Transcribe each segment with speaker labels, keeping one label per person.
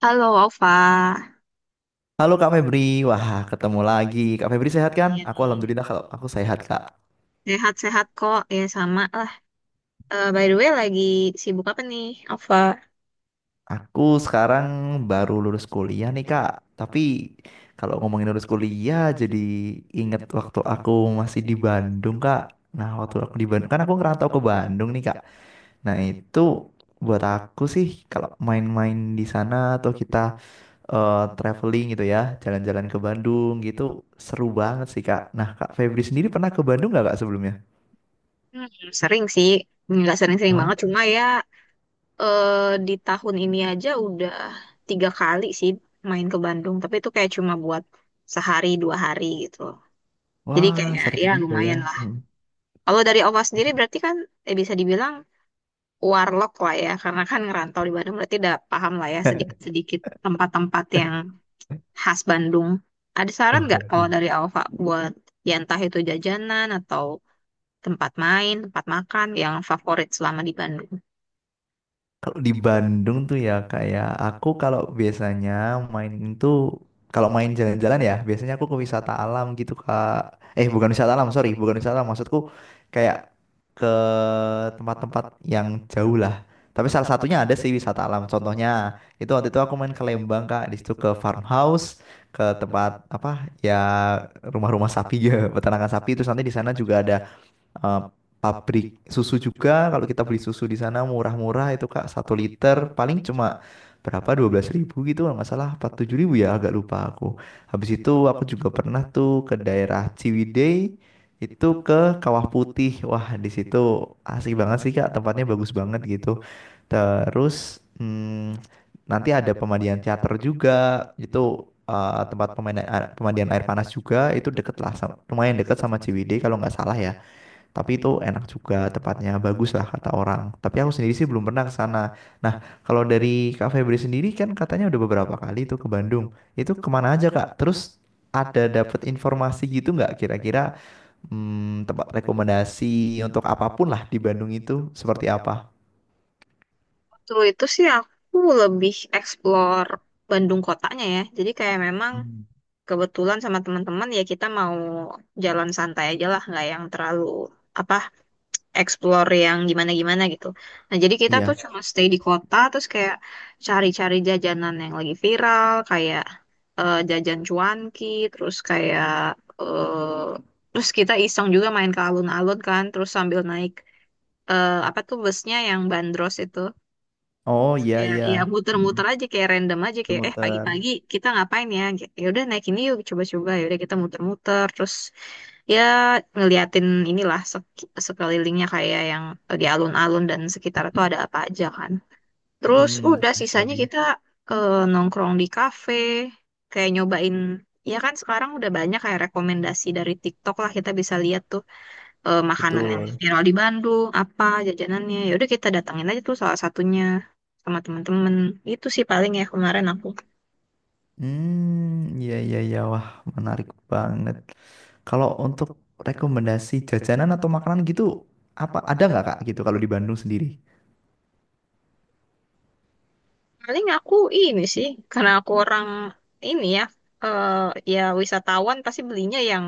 Speaker 1: Halo Ova,
Speaker 2: Halo Kak Febri, wah ketemu lagi. Kak Febri sehat kan?
Speaker 1: iya
Speaker 2: Aku
Speaker 1: nih.
Speaker 2: alhamdulillah kalau aku sehat Kak.
Speaker 1: Sehat-sehat kok, ya sama lah. Eh, by the way, lagi sibuk apa nih, Ova?
Speaker 2: Aku sekarang baru lulus kuliah nih Kak. Tapi kalau ngomongin lulus kuliah jadi inget waktu aku masih di Bandung Kak. Nah waktu aku di Bandung, kan aku ngerantau ke Bandung nih Kak. Nah itu buat aku sih kalau main-main di sana atau kita traveling gitu ya, jalan-jalan ke Bandung gitu seru banget sih Kak. Nah Kak Febri sendiri pernah ke Bandung nggak Kak sebelumnya?
Speaker 1: Hmm, sering sih, nggak sering-sering banget, cuma ya eh, di tahun ini aja udah 3 kali sih main ke Bandung, tapi itu kayak cuma buat sehari dua hari gitu. Jadi
Speaker 2: Wah,
Speaker 1: kayak
Speaker 2: sering
Speaker 1: ya
Speaker 2: juga ya.
Speaker 1: lumayan lah.
Speaker 2: Hmm.
Speaker 1: Kalau dari Ova sendiri berarti kan bisa dibilang warlock lah ya, karena kan ngerantau di Bandung berarti udah paham lah ya sedikit-sedikit tempat-tempat yang khas Bandung. Ada saran
Speaker 2: Oh.
Speaker 1: nggak kalau dari Alfa buat ya entah itu jajanan atau tempat main, tempat makan yang favorit selama di Bandung?
Speaker 2: Kalau di Bandung tuh ya kayak aku kalau biasanya main itu, kalau main jalan-jalan ya biasanya aku ke wisata alam gitu Kak. Eh bukan wisata alam, sorry, bukan wisata alam maksudku kayak ke tempat-tempat yang jauh lah. Tapi salah satunya ada sih wisata alam. Contohnya itu waktu itu aku main ke Lembang Kak, di situ ke farmhouse, ke tempat apa ya, rumah-rumah sapi ya, peternakan sapi. Terus nanti di sana juga ada eh, pabrik susu juga, kalau kita beli susu di sana murah-murah itu Kak, 1 liter paling cuma berapa, 12 ribu gitu kalau nggak salah, empat 7 ribu ya, agak lupa aku. Habis itu aku juga pernah tuh ke daerah Ciwidey, itu ke Kawah Putih, wah di situ asik banget sih Kak, tempatnya bagus banget gitu. Terus hmm, nanti ada pemandian teater juga, itu tempat pemandian, air panas juga, itu deket lah sama, lumayan deket sama Ciwidey kalau nggak salah ya. Tapi itu enak juga, tempatnya bagus lah kata orang. Tapi aku sendiri sih belum pernah ke sana. Nah, kalau dari Kak Febri sendiri kan katanya udah beberapa kali itu ke Bandung. Itu kemana aja Kak? Terus ada dapat informasi gitu nggak, kira-kira tempat rekomendasi untuk apapun lah di Bandung itu seperti apa?
Speaker 1: Waktu itu sih aku lebih explore Bandung kotanya ya. Jadi kayak memang
Speaker 2: Hmm.
Speaker 1: kebetulan sama teman-teman ya kita mau jalan santai aja lah, nggak yang terlalu apa explore yang gimana-gimana gitu. Nah, jadi kita tuh
Speaker 2: Iya.
Speaker 1: cuma stay di kota, terus kayak cari-cari jajanan yang lagi viral, kayak jajan cuanki, terus kayak eh, terus kita iseng juga main ke alun-alun kan, terus sambil naik apa tuh busnya yang bandros itu,
Speaker 2: Oh iya
Speaker 1: kayak
Speaker 2: iya.
Speaker 1: ya
Speaker 2: Mm,
Speaker 1: muter-muter aja kayak random aja
Speaker 2: itu
Speaker 1: kayak eh
Speaker 2: muter.
Speaker 1: pagi-pagi kita ngapain ya? Ya udah naik ini yuk coba-coba, ya udah kita muter-muter, terus ya ngeliatin inilah sekelilingnya kayak yang di alun-alun dan sekitar itu ada apa aja kan. Terus
Speaker 2: Mm,
Speaker 1: udah sisanya
Speaker 2: kali.
Speaker 1: kita nongkrong di kafe, kayak nyobain ya kan sekarang udah banyak kayak rekomendasi dari TikTok lah kita bisa lihat tuh makanan yang
Speaker 2: Betul.
Speaker 1: viral di Bandung apa jajanannya ya udah kita datangin aja tuh salah satunya sama temen-temen itu sih paling ya kemarin aku
Speaker 2: Hmm, iya iya iya. Wah, menarik banget. Kalau untuk rekomendasi jajanan atau makanan gitu, apa ada nggak Kak gitu kalau di Bandung sendiri?
Speaker 1: paling aku ini sih, karena aku orang ini ya, eh ya wisatawan pasti belinya yang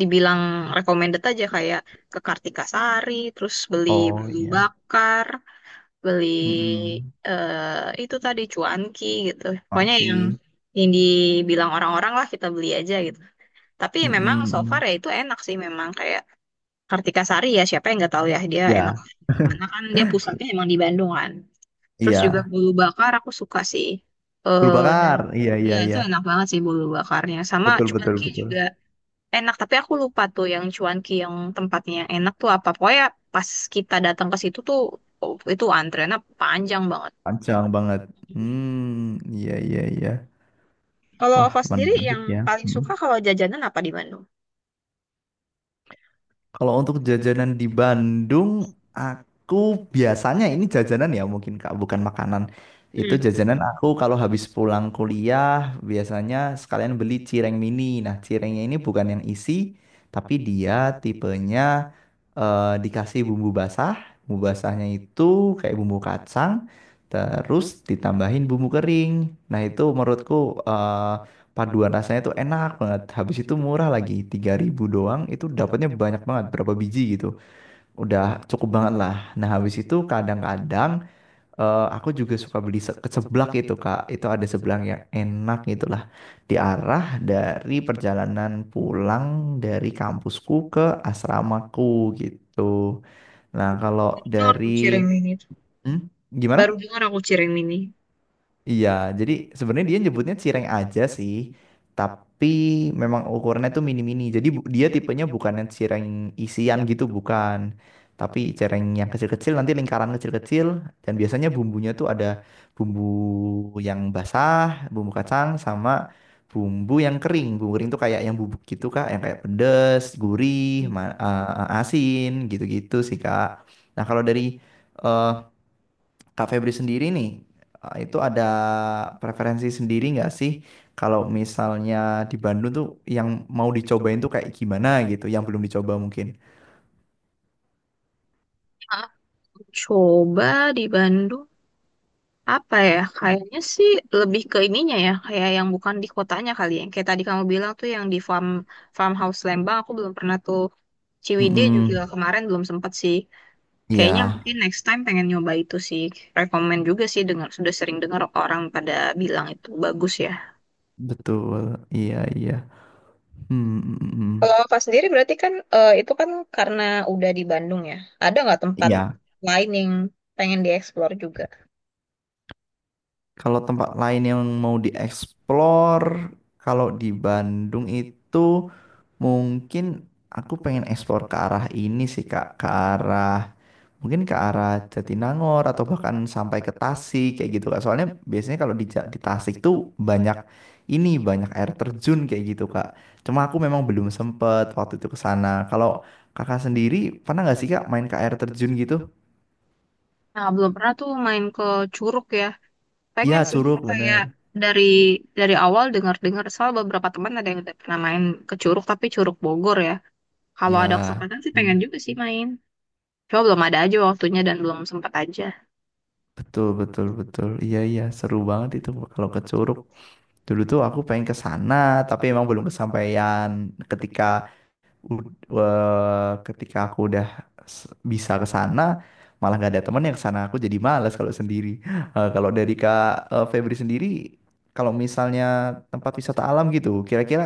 Speaker 1: dibilang recommended aja kayak ke Kartika Sari, terus beli
Speaker 2: Oh
Speaker 1: beli
Speaker 2: iya.
Speaker 1: bakar, beli
Speaker 2: Mm.
Speaker 1: itu tadi cuanki gitu. Pokoknya
Speaker 2: Maki.
Speaker 1: yang dibilang orang-orang lah kita beli aja gitu. Tapi ya memang so far
Speaker 2: Mm.
Speaker 1: ya itu enak sih memang kayak Kartika Sari ya siapa yang nggak tahu ya dia enak.
Speaker 2: Ya,
Speaker 1: Karena kan dia pusatnya emang di Bandung kan. Terus juga
Speaker 2: iya.
Speaker 1: bulu bakar aku suka sih.
Speaker 2: Guru
Speaker 1: Eh dan
Speaker 2: bakar, iya
Speaker 1: iya
Speaker 2: iya
Speaker 1: itu
Speaker 2: iya.
Speaker 1: enak banget sih bulu bakarnya. Sama
Speaker 2: Betul betul
Speaker 1: cuanki
Speaker 2: betul.
Speaker 1: juga enak, tapi aku lupa tuh yang cuanki yang tempatnya yang enak tuh apa. Pokoknya pas kita datang ke situ tuh oh, itu antreannya panjang banget.
Speaker 2: Panjang banget. Hmm, iya iya iya,
Speaker 1: Kalau
Speaker 2: wah,
Speaker 1: Ova sendiri
Speaker 2: menarik
Speaker 1: yang
Speaker 2: ya.
Speaker 1: paling suka kalau jajanan apa di Bandung?
Speaker 2: Kalau untuk jajanan di Bandung, aku biasanya ini jajanan ya mungkin Kak, bukan makanan.
Speaker 1: Hmm,
Speaker 2: Itu jajanan aku kalau habis pulang kuliah biasanya sekalian beli cireng mini. Nah, cirengnya ini bukan yang isi, tapi dia tipenya dikasih bumbu basah. Bumbu basahnya itu kayak bumbu kacang, terus ditambahin bumbu kering. Nah, itu menurutku paduan rasanya tuh enak banget. Habis itu murah lagi, 3 ribu doang itu dapatnya banyak banget, berapa biji gitu. Udah cukup banget lah. Nah, habis itu kadang-kadang aku juga suka beli ke seblak itu, Kak. Itu ada seblak yang enak gitu lah. Di arah dari perjalanan pulang dari kampusku ke asramaku gitu. Nah,
Speaker 1: baru
Speaker 2: kalau
Speaker 1: dengar tuh
Speaker 2: dari
Speaker 1: cireng mini.
Speaker 2: hmm,
Speaker 1: Baru
Speaker 2: gimana?
Speaker 1: dengar aku cireng mini.
Speaker 2: Iya, jadi sebenarnya dia nyebutnya cireng aja sih, tapi memang ukurannya tuh mini-mini. Jadi dia tipenya bukan yang cireng isian gitu, bukan. Tapi cireng yang kecil-kecil, nanti lingkaran kecil-kecil, dan biasanya bumbunya tuh ada bumbu yang basah, bumbu kacang, sama bumbu yang kering. Bumbu kering tuh kayak yang bubuk gitu, Kak, yang kayak pedes, gurih,
Speaker 1: Hmm.
Speaker 2: asin, gitu-gitu sih, Kak. Nah, kalau dari eh, Kak Febri sendiri nih, itu ada preferensi sendiri nggak sih kalau misalnya di Bandung tuh yang mau dicobain tuh kayak gimana gitu, yang belum dicoba mungkin.
Speaker 1: Aku coba di Bandung apa ya? Kayaknya sih lebih ke ininya ya, kayak yang bukan di kotanya kali ya. Yang kayak tadi kamu bilang tuh yang di farmhouse Lembang, aku belum pernah tuh. Ciwidey juga
Speaker 2: Mm-mm.
Speaker 1: kemarin belum sempat sih. Kayaknya
Speaker 2: Iya,
Speaker 1: mungkin next time pengen nyoba itu sih. Rekomen juga sih dengar sudah sering dengar orang pada bilang itu bagus ya.
Speaker 2: betul. Iya, iya. Hmm, mm, mm, mm.
Speaker 1: Kalau Kak sendiri berarti kan itu kan karena udah di Bandung ya. Ada nggak tempat
Speaker 2: Iya,
Speaker 1: lain yang pengen dieksplor juga?
Speaker 2: kalau tempat lain yang mau dieksplor, kalau di Bandung itu mungkin aku pengen eksplor ke arah ini sih Kak, ke arah mungkin ke arah Jatinangor atau bahkan sampai ke Tasik kayak gitu Kak. Soalnya biasanya kalau di, di Tasik tuh banyak, banyak air terjun kayak gitu Kak. Cuma aku memang belum sempet waktu itu ke sana. Kalau Kakak sendiri pernah nggak sih Kak main ke air terjun gitu?
Speaker 1: Nah, belum pernah tuh main ke Curug ya.
Speaker 2: Iya,
Speaker 1: Pengen sih
Speaker 2: Curug
Speaker 1: kayak
Speaker 2: bener.
Speaker 1: dari dari awal dengar-dengar soal beberapa teman ada yang udah pernah main ke Curug tapi Curug Bogor ya. Kalau ada
Speaker 2: Ya.
Speaker 1: kesempatan sih pengen
Speaker 2: Hmm,
Speaker 1: juga sih main. Cuma belum ada aja waktunya dan belum sempat aja.
Speaker 2: betul betul betul. Iya iya seru banget itu kalau ke Curug. Dulu tuh aku pengen ke sana tapi emang belum kesampaian ketika, ketika aku udah s- bisa ke sana malah nggak ada temen yang ke sana, aku jadi malas kalau sendiri. Kalau dari Kak Febri sendiri, kalau misalnya tempat wisata alam gitu, kira-kira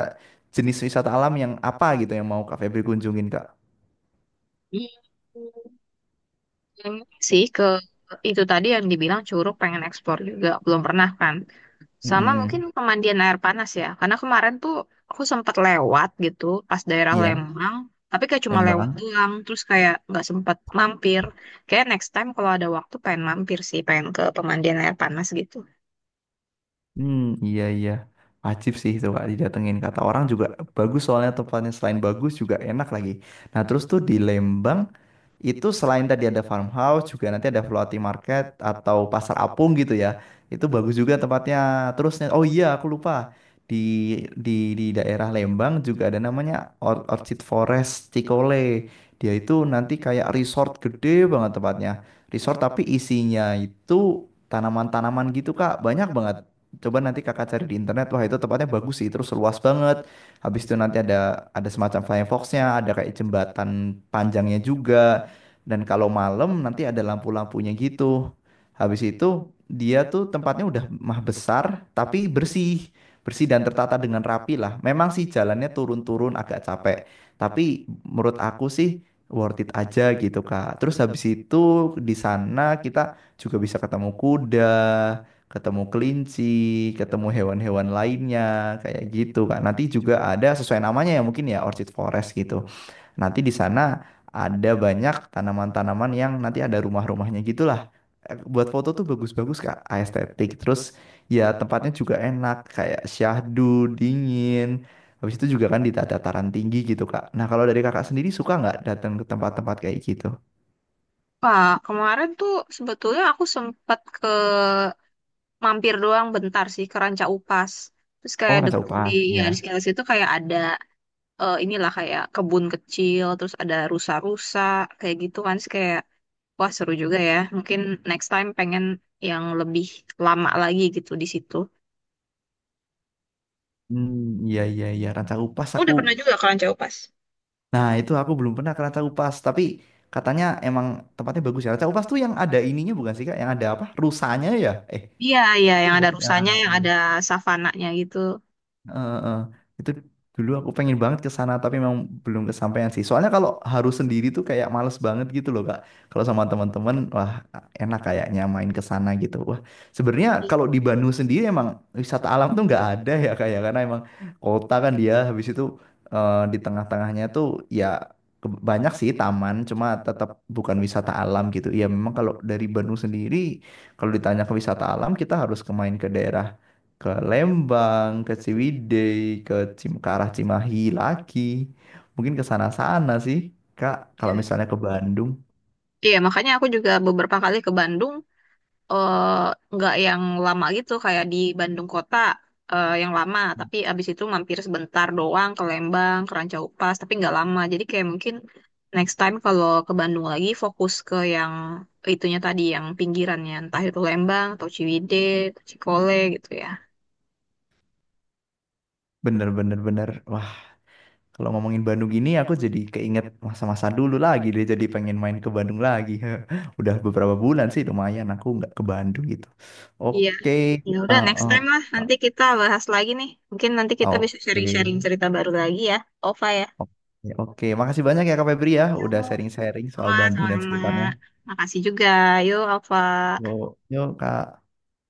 Speaker 2: jenis wisata alam yang apa gitu yang mau Kak Febri kunjungin Kak?
Speaker 1: Hmm, pengen sih ke itu tadi yang dibilang Curug pengen eksplor juga belum pernah kan. Sama mungkin
Speaker 2: Mm-mm.
Speaker 1: pemandian air panas ya. Karena kemarin tuh aku sempat lewat gitu pas daerah
Speaker 2: Iya.
Speaker 1: Lembang. Tapi kayak cuma lewat
Speaker 2: Lembang.
Speaker 1: doang. Terus kayak nggak sempat mampir. Kayak next time kalau ada waktu pengen mampir sih. Pengen ke pemandian air panas gitu.
Speaker 2: Hmm, iya iya. Wajib sih itu Kak didatengin, kata orang juga bagus, soalnya tempatnya selain bagus juga enak lagi. Nah, terus tuh di Lembang itu, selain tadi ada farmhouse, juga nanti ada floating market atau pasar apung gitu ya, itu bagus juga tempatnya. Terusnya oh iya aku lupa, di di daerah Lembang juga ada namanya Orchid Forest Cikole, dia itu nanti kayak resort gede banget tempatnya, resort tapi isinya itu tanaman-tanaman gitu Kak, banyak banget. Coba nanti Kakak cari di internet, wah itu tempatnya bagus sih, terus luas banget. Habis itu nanti ada, semacam flying fox-nya, ada kayak jembatan panjangnya juga. Dan kalau malam nanti ada lampu-lampunya gitu. Habis itu dia tuh tempatnya udah mah besar tapi bersih. Bersih dan tertata dengan rapi lah. Memang sih jalannya turun-turun agak capek. Tapi menurut aku sih worth it aja gitu Kak. Terus habis itu di sana kita juga bisa ketemu kuda, ketemu kelinci, ketemu hewan-hewan lainnya kayak gitu Kak. Nanti juga ada, sesuai namanya ya mungkin ya Orchid Forest gitu. Nanti di sana ada banyak tanaman-tanaman yang nanti ada rumah-rumahnya gitulah. Buat foto tuh bagus-bagus Kak, estetik. Terus ya tempatnya juga enak, kayak syahdu, dingin. Habis itu juga kan di dataran tinggi gitu Kak. Nah kalau dari Kakak sendiri suka nggak datang ke tempat-tempat kayak gitu?
Speaker 1: Pak, kemarin tuh sebetulnya aku sempat ke mampir doang bentar sih ke Ranca Upas. Terus kayak
Speaker 2: Oh Ranca
Speaker 1: di
Speaker 2: Upas,
Speaker 1: ya di
Speaker 2: ya.
Speaker 1: sekitar situ kayak ada inilah kayak kebun kecil, terus ada rusa-rusa kayak gitu kan. Terus kayak wah, seru juga ya. Mungkin next time pengen yang lebih lama lagi gitu di situ.
Speaker 2: Hmm, iya iya iya, Ranca Upas
Speaker 1: Kamu
Speaker 2: aku.
Speaker 1: udah pernah juga ke Ranca Upas?
Speaker 2: Nah itu aku belum pernah ke Ranca Upas, tapi katanya emang tempatnya bagus ya. Ranca Upas tuh yang ada ininya bukan sih Kak? Yang ada apa? Rusanya ya? Eh.
Speaker 1: Iya, iya,
Speaker 2: Itu
Speaker 1: yang ada
Speaker 2: berarti ya,
Speaker 1: rusanya, yang
Speaker 2: iya.
Speaker 1: ada savananya gitu.
Speaker 2: Eh, eh, eh. Itu dulu aku pengen banget ke sana tapi memang belum kesampaian sih. Soalnya kalau harus sendiri tuh kayak males banget gitu loh, Kak. Kalau sama teman-teman wah enak kayaknya main ke sana gitu. Wah, sebenarnya
Speaker 1: Iya.
Speaker 2: kalau di Bandung sendiri emang wisata alam tuh nggak ada ya, kayak karena emang kota kan dia. Habis itu di tengah-tengahnya tuh ya, banyak sih taman cuma tetap bukan wisata alam gitu. Ya memang kalau dari Bandung sendiri, kalau ditanya ke wisata alam, kita harus ke, main ke daerah, ke Lembang, ke Ciwidey, ke ke arah Cimahi lagi. Mungkin ke sana-sana sih, Kak. Kalau
Speaker 1: Iya.
Speaker 2: misalnya ke Bandung,
Speaker 1: Iya, makanya aku juga beberapa kali ke Bandung, eh, nggak yang lama gitu kayak di Bandung kota yang lama tapi abis itu mampir sebentar doang ke Lembang ke Ranca Upas tapi nggak lama jadi kayak mungkin next time kalau ke Bandung lagi fokus ke yang itunya tadi yang pinggirannya entah itu Lembang atau Ciwidey atau Cikole gitu ya
Speaker 2: bener-bener bener. Bener, bener. Wah, kalau ngomongin Bandung gini aku jadi keinget masa-masa dulu lagi deh. Jadi pengen main ke Bandung lagi. Udah beberapa bulan sih lumayan aku nggak ke Bandung gitu.
Speaker 1: iya
Speaker 2: Oke,
Speaker 1: ya
Speaker 2: uh,
Speaker 1: udah next
Speaker 2: uh,
Speaker 1: time lah nanti kita bahas lagi nih mungkin nanti kita bisa
Speaker 2: oke.
Speaker 1: sharing-sharing cerita baru lagi ya Ova ya.
Speaker 2: Oke, oke. Makasih banyak ya Kak Febri, ya udah
Speaker 1: Yuk,
Speaker 2: sharing-sharing soal Bandung dan
Speaker 1: sama-sama
Speaker 2: sekitarnya.
Speaker 1: makasih juga yuk Ova.
Speaker 2: Yuk, yuk Kak.